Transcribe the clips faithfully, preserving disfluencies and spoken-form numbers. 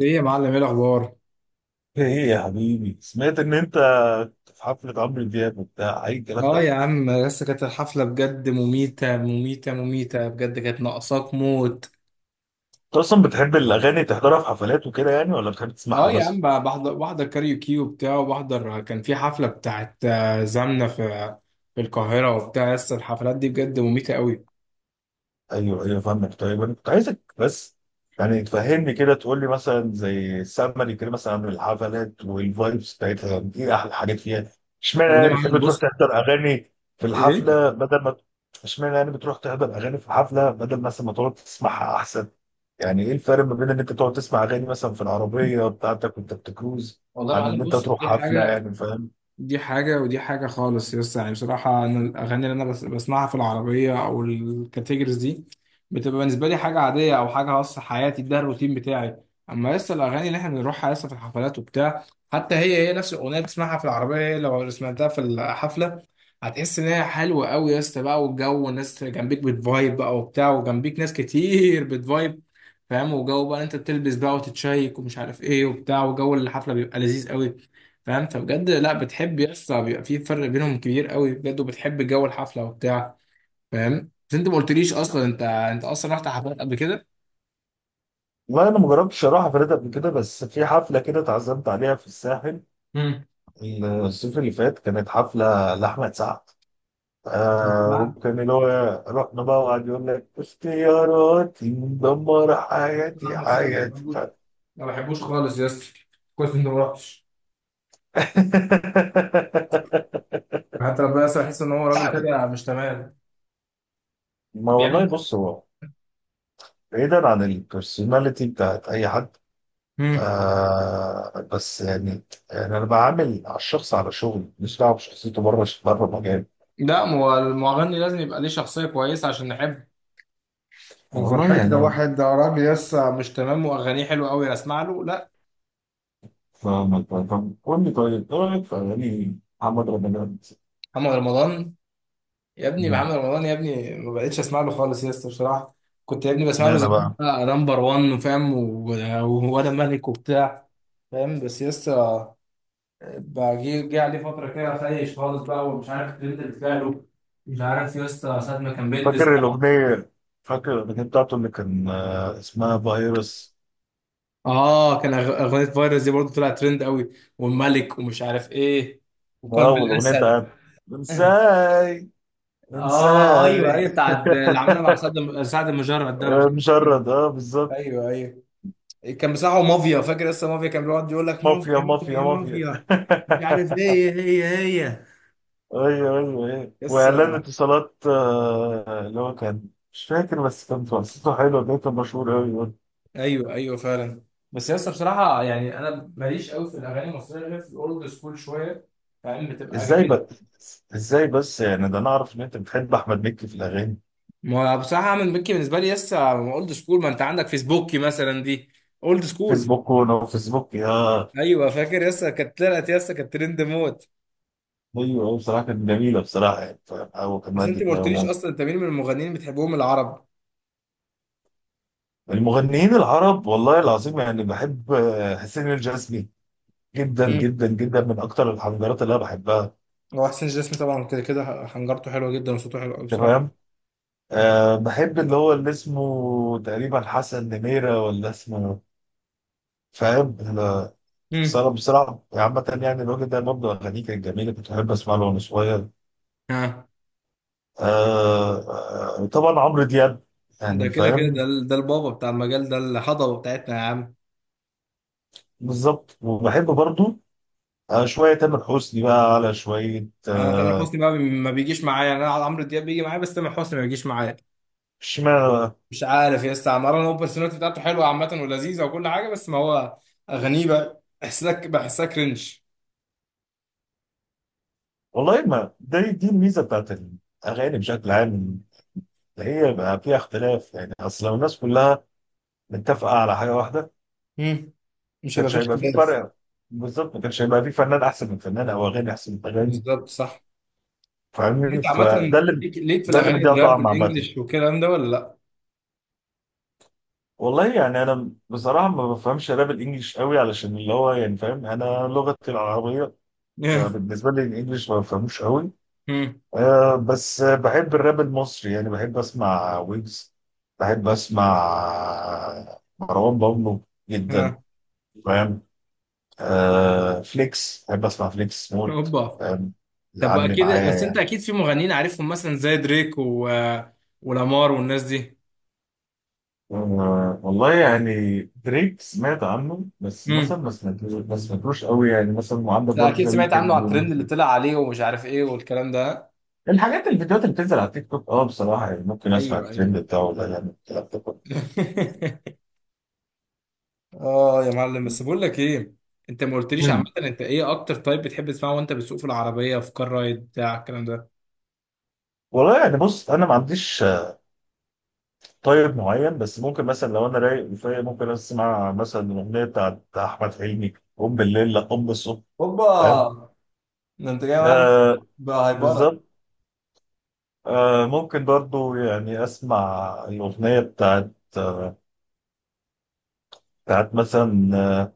ايه يا معلم، ايه الاخبار؟ ايه، يا حبيبي سمعت ان انت في حفلة عمرو دياب وبتاع اي الكلام اه ده؟ يا عم، لسه كانت الحفله بجد مميته مميته مميته، بجد كانت ناقصاك موت. انت اصلا بتحب الاغاني تحضرها في حفلات وكده يعني، ولا بتحب تسمعها اه يا عم، بس؟ بقى بحضر بحضر كاريوكي وبتاع، وبحضر كان في حفله بتاعت آه، زمنه في في القاهره وبتاع، لسه الحفلات دي بجد مميته قوي. ايوه ايوه، فاهمك. طيب انا كنت عايزك بس يعني تفهمني كده، تقول لي مثلا زي سمري كده، مثلا عن الحفلات والفايبس بتاعتها، يعني ايه احلى حاجات فيها؟ اشمعنى والله يعني يا معلم بتحب تروح بص تحضر اغاني في ايه، الحفله بدل ما. اشمعنى يعني بتروح تحضر اغاني في الحفله بدل مثلا ما تقعد تسمعها احسن؟ يعني ايه الفرق ما بين ان انت تقعد تسمع اغاني مثلا في العربيه بتاعتك وانت بتكروز، والله يا عن ان معلم انت بص، تروح دي حفله، حاجه، يعني فاهم. دي حاجة ودي حاجة خالص، يس يعني. بصراحة أنا الأغاني اللي أنا بس بسمعها في العربية أو الكاتيجوريز دي بتبقى بالنسبة لي حاجة عادية أو حاجة خاصة حياتي، ده الروتين بتاعي. أما لسه الأغاني اللي إحنا بنروحها لسه في الحفلات وبتاع، حتى هي هي نفس الأغنية بتسمعها في العربية، هي لو سمعتها في الحفلة هتحس إن هي حلوة أوي، يس بقى. والجو والناس جنبيك بتفايب بقى وبتاع، وجنبيك ناس كتير بتفايب، فاهم؟ وجو بقى أنت بتلبس بقى وتتشيك ومش عارف إيه وبتاع، وجو الحفلة بيبقى لذيذ أوي، فاهم؟ فبجد لا بتحب، يس، بيبقى في فرق بينهم كبير قوي بجد، وبتحب جو الحفله وبتاع، فاهم؟ بس انت ما قلتليش اصلا، انت انت اصلا رحت حفلات قبل كده؟ والله انا ما جربتش اروح حفلات قبل كده، بس في حفله كده اتعزمت عليها في الساحل امم. الصيف اللي فات، كانت حفلة لأحمد سعد. آه نعم. وكان اللي هو رحنا بقى وقعد يقول لك اختياراتي مدمرة حياتي احمد سعد ما حياتي ف- بحبوش، ما بحبوش خالص، يس. كويس انت ما رحتش. حتى بس احس ان هو راجل كده مش تمام. ما والله، بيعمل. بص هو بعيدا عن البرسوناليتي بتاعت أي حد، امم. آه بس يعني، يعني أنا بعامل على الشخص، على شغل، مش دعوة بشخصيته، بره بره مجال. لا، ما هو المغني لازم يبقى ليه شخصيه كويسه عشان نحبه. والله وفرحتي ده، يعني، واحد ده راجل لسه مش تمام واغانيه حلوه قوي اسمع له؟ لا. فاهمك، فاهم. قول لي طيب، إيه رأيك في أغاني محمد رمضان؟ محمد رمضان. يا ابني محمد رمضان، يا ابني ما بقتش اسمع له خالص يا اسطى بصراحه. كنت يا ابني بسمع له اشمعنى زمان، بقى؟ بقى نمبر واحد وفاهم و- وانا ملك وبتاع، فاهم؟ بس يا اسطى، بقى جه جه عليه فتره كده خايش خالص بقى، ومش عارف الترند اللي طلع له. مش عارف يا اسطى ساعه ما كان بيلبس. فاكر الأغنية فاكر الأغنية بتاعته اللي كان، آه، اسمها فيروس. اه، كان أغ- اغنيه فيروس دي برضه طلعت ترند قوي، والملك ومش عارف ايه، اه، وقلب والأغنية الاسد. بتاعت انساي. اه ايوه انساي. ايوه، بتاعت اللي عملها مع سعد سعد المجرد ده، ولا مش آه، عارف اسمه إيه. مشرد، اه بالظبط. ايوه ايوه، كان بتاعه مافيا، فاكر؟ لسه مافيا، كان بيقعد يقول لك مافيا مافيا مافيا مافيا مافيا مافيا، مش عارف ايه هي. هي هي. ايوه. ايوه ايوه، لسه. واعلان اتصالات، آه، اللي هو كان مش فاكر، بس كان قصته حلوه، ده كان مشهور قوي برضه. ايوه ايوه فعلا. بس لسه بصراحه يعني انا ماليش قوي في الاغاني المصريه، غير في الاولد سكول شويه، فاهم؟ بتبقى ازاي جميله. بس ازاي بس يعني، ده انا اعرف ان انت بتحب احمد مكي في الاغاني. ما هو بصراحه من مكي بالنسبه لي لسه اولد سكول. ما انت عندك فيسبوكي مثلا دي، اولد سكول. فيسبوك ونو فيسبوك يا. ايوه فاكر، لسه كانت طلعت لسه كانت ترند موت. ايوه، هو بصراحه كانت جميله بصراحه يعني. هو كان بس مادي انت في ما قلتليش العموم. اصلا، انت مين من المغنيين بتحبهم العرب؟ المغنيين العرب، والله العظيم يعني بحب آه، حسين الجسمي جدا امم. جدا جدا، من اكتر الحنجرات اللي انا بحبها، هو حسين جسمي طبعا كده كده حنجرته حلوه جدا، وصوته حلو قوي انت فاهم. بصراحه. أه، بحب اللي هو اللي اسمه تقريبا حسن نميرة ولا اسمه. فاهم ال- امم. بصراحه بصراحه عامه يعني، الراجل ده برضه اغانيه كانت جميله، كنت بحب اسمع له وانا صغير. ها. أه آه، طبعا عمرو دياب، ده يعني كده كده، ده فاهم. ال- ده البابا بتاع المجال ده، الهضبه بتاعتنا يا عم. بالظبط. وبحب برضه آه شوية تامر حسني بقى، على شوية انا تامر آه، حسني بقى ما بيجيش معايا، انا عمرو دياب بيجي معايا، بس تامر حسني ما بيجيش معايا. اشمعنى بقى؟ مش عارف يا اسطى عمران، هو البرسوناليتي بتاعته حلوه عامه ولذيذه وكل حاجه، بس ما هو اغانيه بقى بحسها بحسها كرنج. والله، ما دي دي الميزة بتاعت الأغاني بشكل عام، إن هي بقى فيها اختلاف يعني. أصل لو الناس كلها متفقة على حاجة واحدة امم. ما مش هيبقى كانش فيش هيبقى في خلاف. فرق. بالظبط، ما كانش هيبقى في فنان أحسن من فنان، أو أغاني أحسن من أغاني، بالظبط، صح. فاهمني؟ انت عامه، فده اللي ليك ليك في ده اللي الاغاني مديها الراب طعم عامة. الانجليش والكلام ده ولا لا؟ والله يعني، أنا بصراحة ما بفهمش راب الإنجليش قوي، علشان اللي هو يعني، فاهم، أنا لغتي العربية. فبالنسبة لي الإنجليش ما بفهموش قوي. امم. آه، بس بحب الراب المصري يعني. بحب اسمع ويجز. بحب اسمع مروان بابلو جدا، ها. فاهم. آه، فليكس. بحب اسمع فليكس موت، اوبا. فاهم. طب يعلي اكيد، معايا بس انت يعني. اكيد في مغنيين عارفهم مثلا زي دريك و... ولامار والناس دي. آه، والله يعني، دريك سمعت عنه، بس مثلا امم. ما سمعتوش ما سمعتوش قوي يعني. مثلا عندك ده برضه اكيد ذا سمعت عنه ويكند على الترند اللي وال- طلع عليه ومش عارف ايه والكلام ده. الحاجات، الفيديوهات اللي بتنزل على التيك توك. اه بصراحه يعني، ممكن اسمع ايوه ايوه. الترند بتاعه ده، يعني الكلام ده كله. اه يا معلم، بس بقول لك ايه، انت ما قلتليش عامه، مم. انت ايه اكتر تايب بتحب تسمعه وانت بتسوق في العربيه، في كار رايد بتاع الكلام ده؟ والله يعني بص، انا ما عنديش طيب معين، بس ممكن مثلا لو انا رايق كفايه ممكن اسمع مثلا الاغنيه بتاعت احمد حلمي، قوم بالليل لا قوم بالصبح، اوبا. فاهم. ده انت جاي معاك آه، بالظبط. بهايبرة. آه، ممكن برضو يعني اسمع الاغنيه بتاعت آه بتاعت مثلا،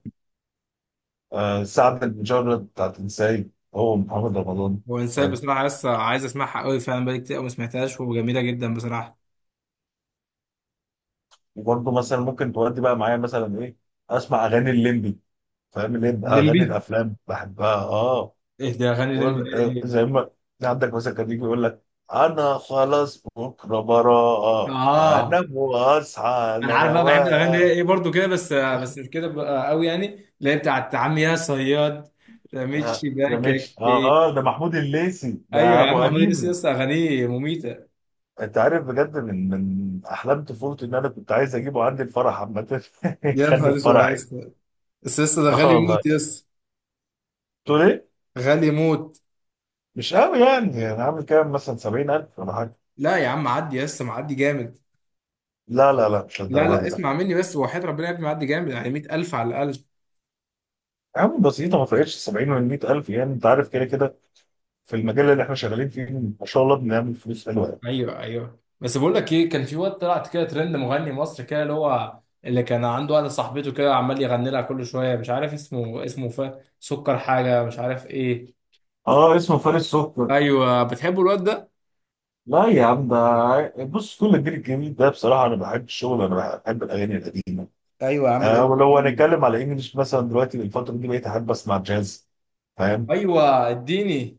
آه سعد المجرد بتاعت انساي، هو محمد رمضان، وانساي فاهم. بصراحه لسه عايز اسمعها قوي فعلا، بقالي كتير قوي ما سمعتهاش وجميله جدا بصراحه. وبرضو مثلا ممكن تودي بقى معايا مثلا ايه، اسمع اغاني الليمبي، فاهم، اللي هي اغاني الليمبي. الافلام بحبها اه. ايه ده اغاني الليمبي يقول آه، دي؟ زي ما عندك مثلا، كان يجي يقول لك، انا خلاص بكره براءة اه انام واصحى انا على عارف بقى، بحب الاغاني اللي رواق. هي ايه برضو كده، بس بس مش كده بقى قوي يعني. اللي هي بتاعت عم يا صياد، رميت آه، ده شباكك مش اه، في. اه ده محمود الليثي، ايوه ده يا ابو عم، محمود إدريس قديم. لسه اغانيه مميته. انت عارف بجد، من من احلام طفولتي ان انا كنت عايز اجيبه عندي الفرح عامه يا يخلي نهار في اسود يا فرحي. اسطى، بس لسه ده اه غالي موت يا والله، اسطى. تقول ايه؟ غالي موت. مش قوي يعني، انا عامل كام مثلا، سبعين الف ولا حاجه؟ لا يا عم، معدي لسه، معدي جامد. لا لا لا، مش لا للدرجه لا، دي، لا. اسمع مني بس، وحياة ربنا يا ابني معدي جامد، يعني مية ألف على الاقل. يا عم بسيطه، ما فرقتش سبعين من مئة الف يعني، انت عارف كده كده في المجال اللي احنا شغالين فيه، ما شاء الله، بنعمل فلوس حلوه يعني. ايوه ايوه، بس بقول لك ايه، كان في وقت طلعت كده ترند مغني مصري كده، اللي هو اللي كان عنده واحده صاحبته كده عمال يغني لها كل شويه، مش عارف اسمه، اسمه ف... سكر حاجه، مش عارف ايه. اه، اسمه فارس سكر. ايوه بتحبوا الواد ده؟ لا يا عم، ده بص، كل الجيل الجديد ده بصراحه، انا بحب الشغل، انا بحب الاغاني القديمه. ايوه يا عم، آه، الاولد ولو سكول. هنتكلم على انجلش مثلا دلوقتي، الفتره دي بقيت احب اسمع جاز، فاهم. ايوه، اديني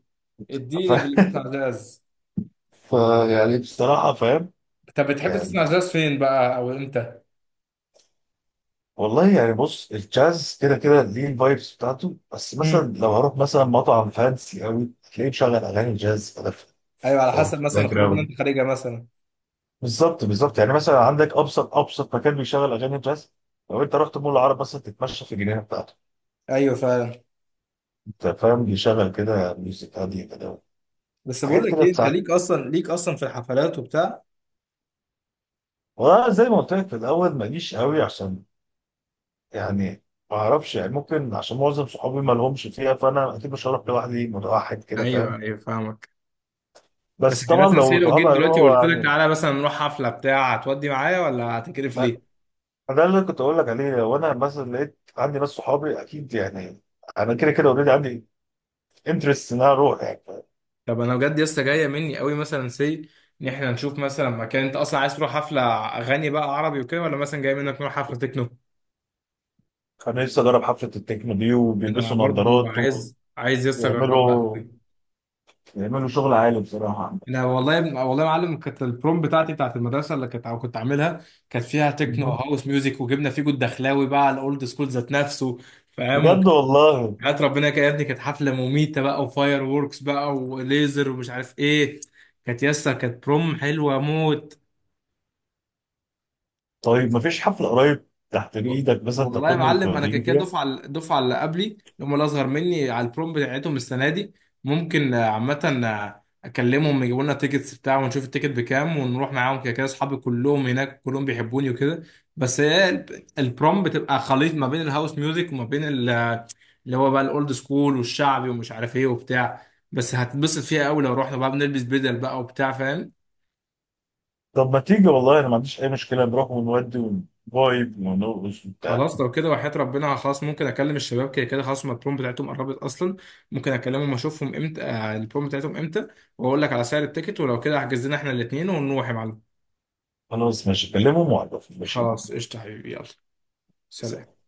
ف... اديني في اللي بيسمع جاز. ف يعني بصراحه، فاهم، طب بتحب تسمع يعني. جاز فين بقى او امتى؟ والله يعني بص، الجاز كده كده ليه الفايبس بتاعته، بس مثلا مم. لو هروح مثلا مطعم فانسي قوي، تلاقيه مشغل اغاني جاز كده في ايوه، على في- حسب في مثلا الباك الخروج اللي جراوند. انت خارجها مثلا. بالظبط بالظبط يعني، مثلا عندك ابسط ابسط مكان بيشغل اغاني جاز، لو انت رحت مول العرب مثلا تتمشى في الجنينه بتاعته، ايوه فعلا. انت فاهم، بيشغل كده ميوزك هاديه كده، بس بقول حاجات لك كده ايه، انت تساعد. ليك اصلا، ليك اصلا في الحفلات وبتاع؟ وزي ما قلت لك في الاول ماليش قوي، عشان يعني ما اعرفش يعني، ممكن عشان معظم صحابي ما لهمش فيها، فانا اكيد مش هروح لوحدي متوحد كده، ايوه فاهم. ايوه فاهمك. بس بس احنا طبعا مثلا لو سي، لو صحابي جيت دلوقتي هيروحوا وقلت لك يعني، تعالى مثلا نروح حفله بتاع، هتودي معايا ولا هتكرف ما ليه؟ ما ده اللي كنت اقول لك عليه، وانا مثلا لقيت عندي ناس صحابي اكيد يعني، انا كده كده اوريدي عندي انترست ان انا اروح يعني. طب انا بجد لسه جايه مني قوي مثلا سي، ان احنا نشوف مثلا مكان، انت اصلا عايز تروح حفله اغاني بقى عربي وكده، ولا مثلا جاي منك نروح حفله تكنو؟ كان لسه جرب حفلة التكنو دي انا وبيلبسوا برضو نظارات، عايز، عايز لسه اجربها ويعملوا قوي. يعملوا شغل عالي بصراحة. انا والله يا ابني- والله يا معلم، كانت البروم بتاعتي بتاعت المدرسه اللي كنت كنت عاملها، كانت فيها تكنو مهم. هاوس ميوزك، وجبنا فيجو الدخلاوي بقى الاولد سكول ذات نفسه، فاهم؟ بجد والله. حياة ربنا كده يا ابني كانت حفلة مميتة بقى، وفاير ووركس بقى وليزر ومش عارف ايه، كانت يسا، كانت بروم حلوة موت. طيب مفيش حفلة قريب تحت ايدك مثلا والله يا تاخدني معلم، انا كده وتوديني كده فيها؟ دفعه، الدفعه اللي قبلي اللي هم الاصغر مني، على البروم بتاعتهم السنه دي ممكن آه، عامه آه، اكلمهم يجيبوا لنا تيكتس بتاع، ونشوف التيكت بكام ونروح معاهم، كده كده اصحابي كلهم هناك كلهم بيحبوني وكده. بس هي ال- البروم بتبقى خليط ما بين الهاوس ميوزك وما بين ال- اللي هو بقى الاولد سكول والشعبي ومش عارف ايه وبتاع، بس هتبسط فيها قوي. لو رحنا بقى بنلبس بدل بقى وبتاع، فاهم؟ طب ما تيجي، والله انا ما عنديش اي مشكلة، نروح ونودي ونفايب ونرقص وبتاع. خلاص لو كده، وحياة ربنا خلاص ممكن اكلم الشباب، كده كده خلاص هما البروم بتاعتهم قربت اصلا. ممكن اكلمهم اشوفهم امتى آه، البروم بتاعتهم امتى، واقول لك على سعر التيكت، ولو كده احجز لنا احنا الاثنين ونروح يا معلم. خلاص ماشي، كلمهم وعرفني، ماشي. خلاص قشطة حبيبي، يلا سلام. سلام.